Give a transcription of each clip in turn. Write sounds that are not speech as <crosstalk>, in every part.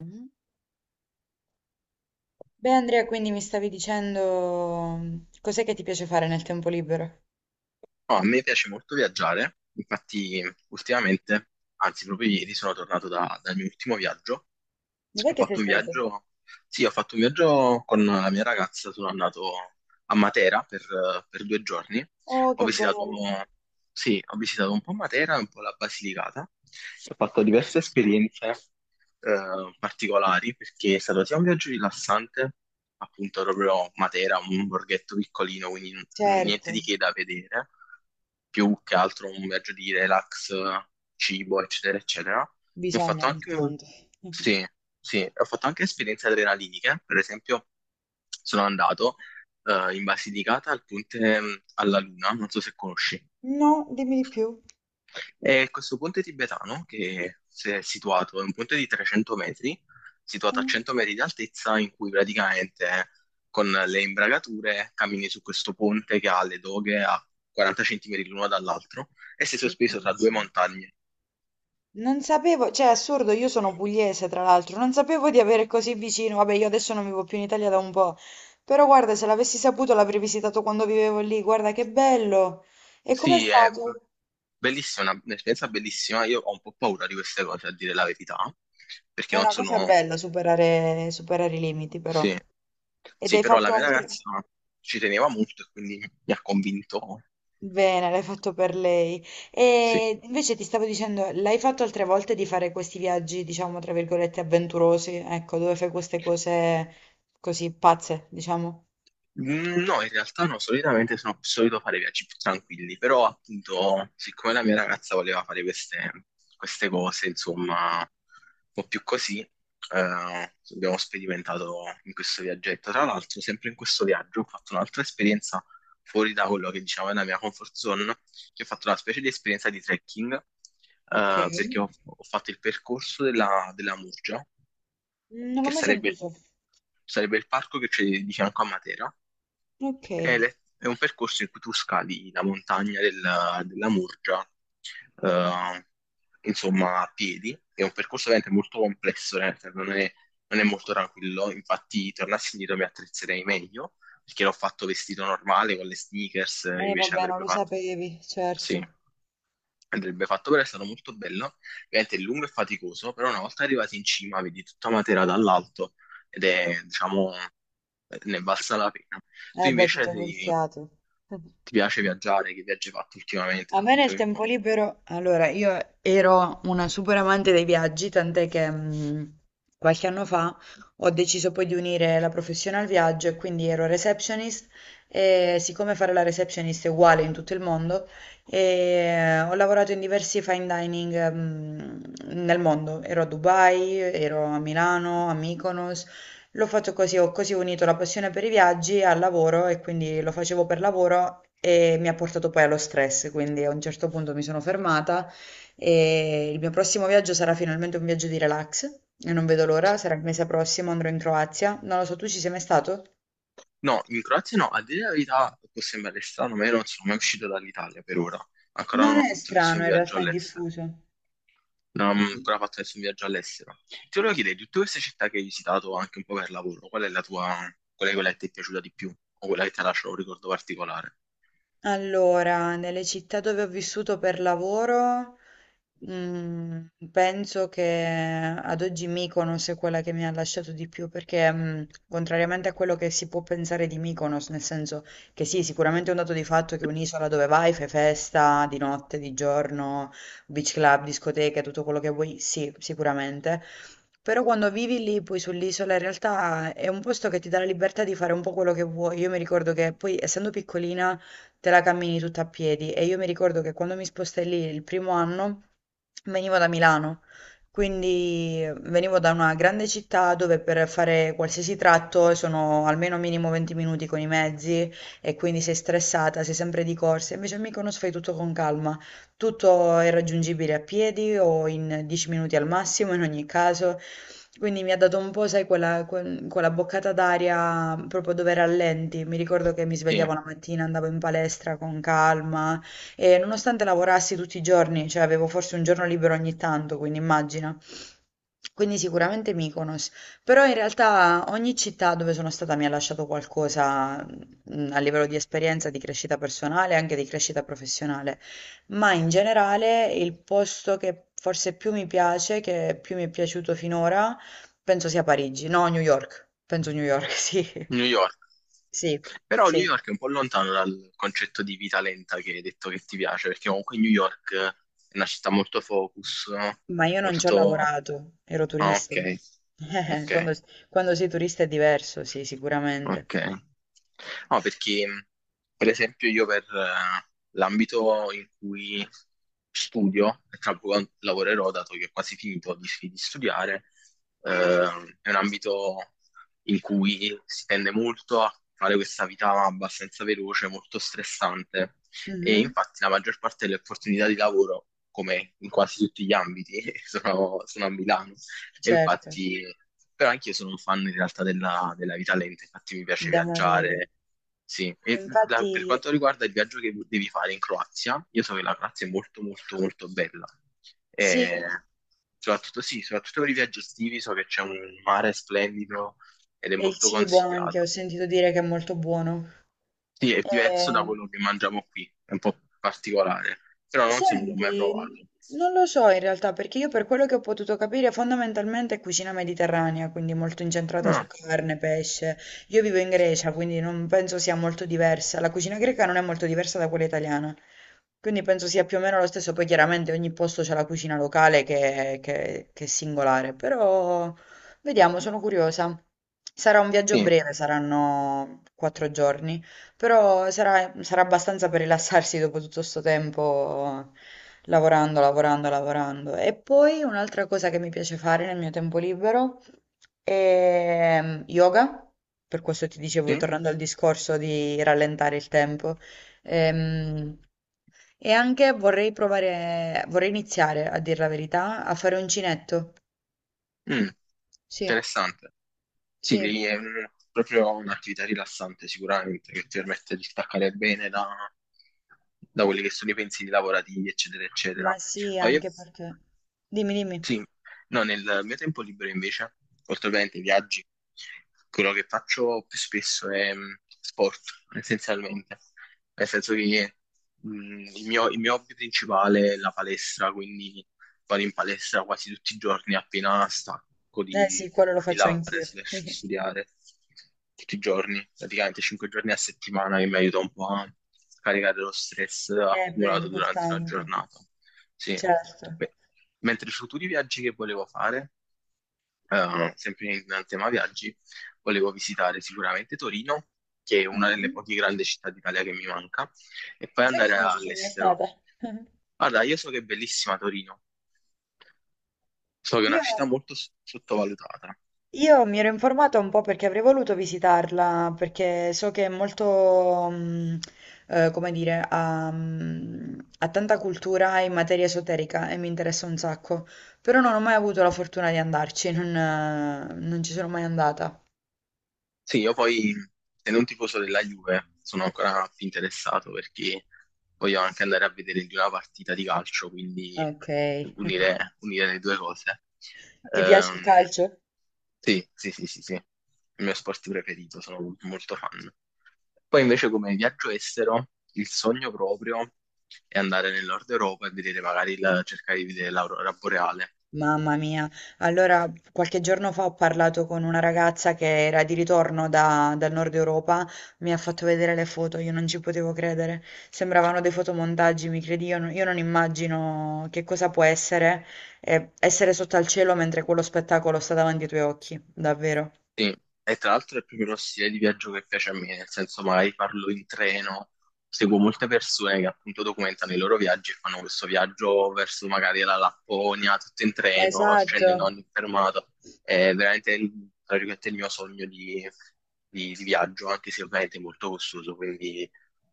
Mhm. Beh, Andrea, quindi mi stavi dicendo cos'è che ti piace fare nel tempo libero? No, a me piace molto viaggiare, infatti ultimamente, anzi proprio ieri sono tornato dal mio ultimo viaggio, Dov'è ho che sei fatto un stato? viaggio, sì, ho fatto un viaggio con la mia ragazza, sono andato a Matera per due giorni, Oh, ho che visitato, bello. sì, ho visitato un po' Matera e un po' la Basilicata, ho fatto diverse esperienze particolari perché è stato sia un viaggio rilassante, appunto proprio Matera, un borghetto piccolino, quindi niente di Certo, che da vedere, più che altro un viaggio di relax, cibo, eccetera, eccetera. Ho fatto anche, intanto. sì, sì, ho fatto anche esperienze adrenaliniche, per esempio sono andato in Basilicata al Ponte alla Luna, non so se conosci. No, dimmi di più. E questo ponte tibetano, che si è situato, è un ponte di 300 metri, situato a Mm. 100 metri di altezza, in cui praticamente con le imbragature cammini su questo ponte che ha le doghe a 40 centimetri l'uno dall'altro e sei sospeso tra due Sì. montagne. Non sapevo, cioè è assurdo, io sono pugliese tra l'altro, non sapevo di avere così vicino, vabbè io adesso non vivo più in Italia da un po', però guarda se l'avessi saputo l'avrei visitato quando vivevo lì, guarda che bello! E com'è Sì, è stato? bellissima, un'esperienza bellissima. Io ho un po' paura di queste cose, a dire la verità, perché È non una cosa sono... bella superare, superare i limiti però. Sì, Ed sì, hai però la fatto mia altre... ragazza ci teneva molto e quindi mi ha convinto, Bene, l'hai fatto per lei. sì. E invece ti stavo dicendo, l'hai fatto altre volte di fare questi viaggi, diciamo, tra virgolette, avventurosi, ecco, dove fai queste cose così pazze, diciamo. No, in realtà no, solitamente sono solito fare viaggi più tranquilli, però appunto, siccome la mia ragazza voleva fare queste, queste cose, insomma, un po' più così, abbiamo sperimentato in questo viaggetto. Tra l'altro, sempre in questo viaggio ho fatto un'altra esperienza fuori da quello che diciamo è la mia comfort zone, che ho fatto una specie di esperienza di trekking, Ok. perché ho fatto il percorso della Murgia, Non che l'ho mai sarebbe, sentito. sarebbe il parco che c'è di fianco a Matera Ok. è, è un percorso in cui tu scali la montagna della Murgia, eh, insomma, a piedi. È un percorso veramente molto complesso, nel senso, non è molto tranquillo. Infatti, tornassi indietro mi attrezzerei meglio, perché l'ho fatto vestito normale con le sneakers, invece Vabbè, non andrebbe lo so, fatto, sì, certo. andrebbe fatto però è stato molto bello. Ovviamente è lungo e faticoso, però una volta arrivati in cima vedi tutta Matera dall'alto ed è, diciamo, ne valsa la pena. Tu Beh, ti invece toglie il sei fiato. Ti piace viaggiare? Che viaggi hai fatto ultimamente? A me nel Raccontami un tempo po'. libero, allora io ero una super amante dei viaggi, tant'è che qualche anno fa ho deciso poi di unire la professione al viaggio e quindi ero receptionist e siccome fare la receptionist è uguale in tutto il mondo, ho lavorato in diversi fine dining nel mondo, ero a Dubai, ero a Milano, a Mykonos, lo faccio così, ho così unito la passione per i viaggi al lavoro e quindi lo facevo per lavoro e mi ha portato poi allo stress, quindi a un certo punto mi sono fermata e il mio prossimo viaggio sarà finalmente un viaggio di relax e non vedo l'ora, sarà il mese prossimo, andrò in Croazia. Non lo so, tu ci sei mai stato? No, in Croazia no, a dire la verità può sembrare strano, ma io non sono mai uscito dall'Italia per ora. Ancora Non non ho è fatto nessun strano, in viaggio realtà è all'estero. diffuso. Non ho ancora fatto nessun viaggio all'estero. Ti volevo chiedere, di tutte queste città che hai visitato anche un po' per lavoro, qual è quella che ti è piaciuta di più? O quella che ti ha lasciato un ricordo particolare? Allora, nelle città dove ho vissuto per lavoro, penso che ad oggi Mykonos è quella che mi ha lasciato di più, perché contrariamente a quello che si può pensare di Mykonos, nel senso che sì, sicuramente è un dato di fatto che è un'isola dove vai, fai festa di notte, di giorno, beach club, discoteche, tutto quello che vuoi, sì, sicuramente. Però quando vivi lì, poi sull'isola, in realtà è un posto che ti dà la libertà di fare un po' quello che vuoi. Io mi ricordo che poi, essendo piccolina, te la cammini tutta a piedi. E io mi ricordo che quando mi spostai lì il primo anno venivo da Milano, quindi venivo da una grande città dove per fare qualsiasi tratto sono almeno minimo 20 minuti con i mezzi e quindi sei stressata, sei sempre di corsa. Invece a Mykonos fai tutto con calma, tutto è raggiungibile a piedi o in 10 minuti al massimo in ogni caso. Quindi mi ha dato un po', sai, quella, quella boccata d'aria proprio dove rallenti. Mi ricordo che mi svegliavo la mattina, andavo in palestra con calma e nonostante lavorassi tutti i giorni, cioè avevo forse un giorno libero ogni tanto, quindi immagina. Quindi sicuramente Mykonos, però in realtà ogni città dove sono stata mi ha lasciato qualcosa a livello di esperienza, di crescita personale e anche di crescita professionale, ma in generale il posto che forse più mi piace, che più mi è piaciuto finora, penso sia Parigi, no, New York. Penso New York, <laughs> sì. New York. Però New Sì, York è un po' lontano dal concetto di vita lenta che hai detto che ti piace, perché comunque New York è una città molto focus, no? ma io non ci ho Molto... lavorato, ero Ah, turista. ok, Eh, ok, quando, quando sei turista è diverso, sì, sicuramente. ok. No, perché per esempio io per l'ambito in cui studio, e tra poco lavorerò, dato che ho quasi finito di studiare, è un ambito in cui si tende molto a fare questa vita abbastanza veloce, molto stressante e Mhm, infatti la maggior parte delle opportunità di lavoro, come in quasi tutti gli ambiti, <laughs> sono a Milano. E certo, infatti, però anche io sono un fan in realtà della vita lenta, infatti mi piace da morire. viaggiare. Sì, e per Infatti, quanto riguarda il viaggio che devi fare in Croazia, io so che la Croazia è molto molto molto bella. sì, E soprattutto sì, soprattutto per i viaggi estivi so che c'è un mare splendido ed è e il molto cibo anche, ho consigliata. sentito dire che è molto buono. Sì, è diverso da Ehm, quello che mangiamo qui, è un po' particolare, però non so, non l'ho mai senti, provato. non lo so in realtà, perché io per quello che ho potuto capire fondamentalmente è cucina mediterranea, quindi molto incentrata su Ah, carne, pesce. Io vivo in Grecia, quindi non penso sia molto diversa. La cucina greca non è molto diversa da quella italiana. Quindi penso sia più o meno lo stesso. Poi chiaramente ogni posto c'è la cucina locale che, che è singolare, però vediamo, sono curiosa. Sarà un viaggio sì, breve, saranno 4 giorni, però sarà, sarà abbastanza per rilassarsi dopo tutto questo tempo lavorando, lavorando, lavorando. E poi un'altra cosa che mi piace fare nel mio tempo libero è yoga. Per questo ti dicevo, sì. tornando al discorso di rallentare il tempo. Ehm, e anche vorrei provare, vorrei iniziare, a dire la verità, a fare uncinetto. Mm. Interessante. Sì, Sì, lì è proprio un'attività rilassante sicuramente che ti permette di staccare bene da, da quelli che sono i pensieri lavorativi, eccetera, eccetera. sì, Ma io anche perché. Dimmi, dimmi. sì, no, nel mio tempo libero invece, oltre ovviamente ai viaggi, quello che faccio più spesso è sport, essenzialmente. Nel senso che il mio hobby principale è la palestra, quindi vado in palestra quasi tutti i giorni appena stacco Eh sì, quello lo di faccio lavorare anch'io. slash studiare. Tutti i giorni, praticamente 5 giorni a settimana che mi aiuta un po' a scaricare lo stress Eh beh, è accumulato durante la importante, giornata. Sì. certo. Beh, mentre i futuri viaggi che volevo fare, sempre in tema viaggi, volevo visitare sicuramente Torino, che è una delle Mhm. poche grandi città d'Italia che mi manca, e poi Sai che andare non ci... all'estero. <laughs> Guarda, io so che è bellissima Torino, so che è Io una città molto sottovalutata. Io mi ero informata un po' perché avrei voluto visitarla, perché so che è molto, come dire, ha, ha tanta cultura in materia esoterica e mi interessa un sacco, però non ho mai avuto la fortuna di andarci, non, non ci sono mai andata. Sì, io poi, essendo un tifoso della Juve, sono ancora più interessato perché voglio anche andare a vedere di una partita di calcio, quindi Ok. unire, unire le due cose. Ti piace il Ehm, calcio? sì, sì, sì, sì, sì, il mio sport preferito, sono molto fan. Poi invece come viaggio estero, il sogno proprio è andare nel nord Europa e vedere magari cercare di vedere l'aurora boreale. Mamma mia, allora qualche giorno fa ho parlato con una ragazza che era di ritorno dal nord Europa, mi ha fatto vedere le foto, io non ci potevo credere, sembravano dei fotomontaggi, mi credi, io non immagino che cosa può essere essere sotto al cielo mentre quello spettacolo sta davanti ai tuoi occhi, davvero. Sì, e tra l'altro è proprio uno stile di viaggio che piace a me, nel senso magari parlo in treno, seguo molte persone che appunto documentano i loro viaggi e fanno questo viaggio verso magari la Lapponia, tutto in treno, scendono a Esatto. ogni fermata. È veramente tra virgolette, il mio sogno di viaggio, anche se ovviamente è molto costoso, quindi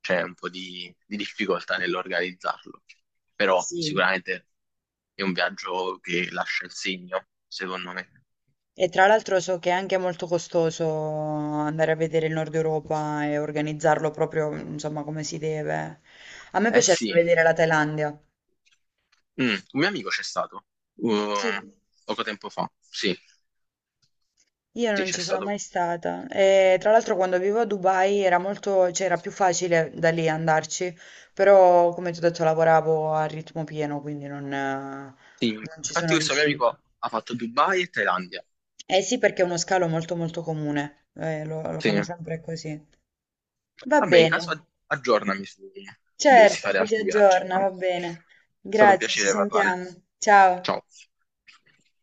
c'è un po' di difficoltà nell'organizzarlo. Però Sì. sicuramente è un viaggio che lascia il segno, secondo me. E tra l'altro so che è anche molto costoso andare a vedere il Nord Europa e organizzarlo proprio, insomma, come si deve. A me Eh piacerebbe sì, vedere la Thailandia. Un mio amico c'è stato uh, Sì. poco tempo fa. Sì, Io sì, non c'è ci sono stato. mai stata. E tra l'altro quando vivo a Dubai era molto, cioè era più facile da lì andarci, però come ti ho detto lavoravo a ritmo pieno, quindi non, Sì. non ci sono Infatti, questo mio riusciti. amico ha fatto Dubai e Thailandia. Eh sì, perché è uno scalo molto molto comune, eh, lo Sì. fanno sempre così. Va Vabbè, in bene. caso aggiornami su- se dovessi Certo, fare ci si altri viaggi. È aggiorna, va bene. stato un Grazie, ci piacere parlare. sentiamo. Ciao. Ciao.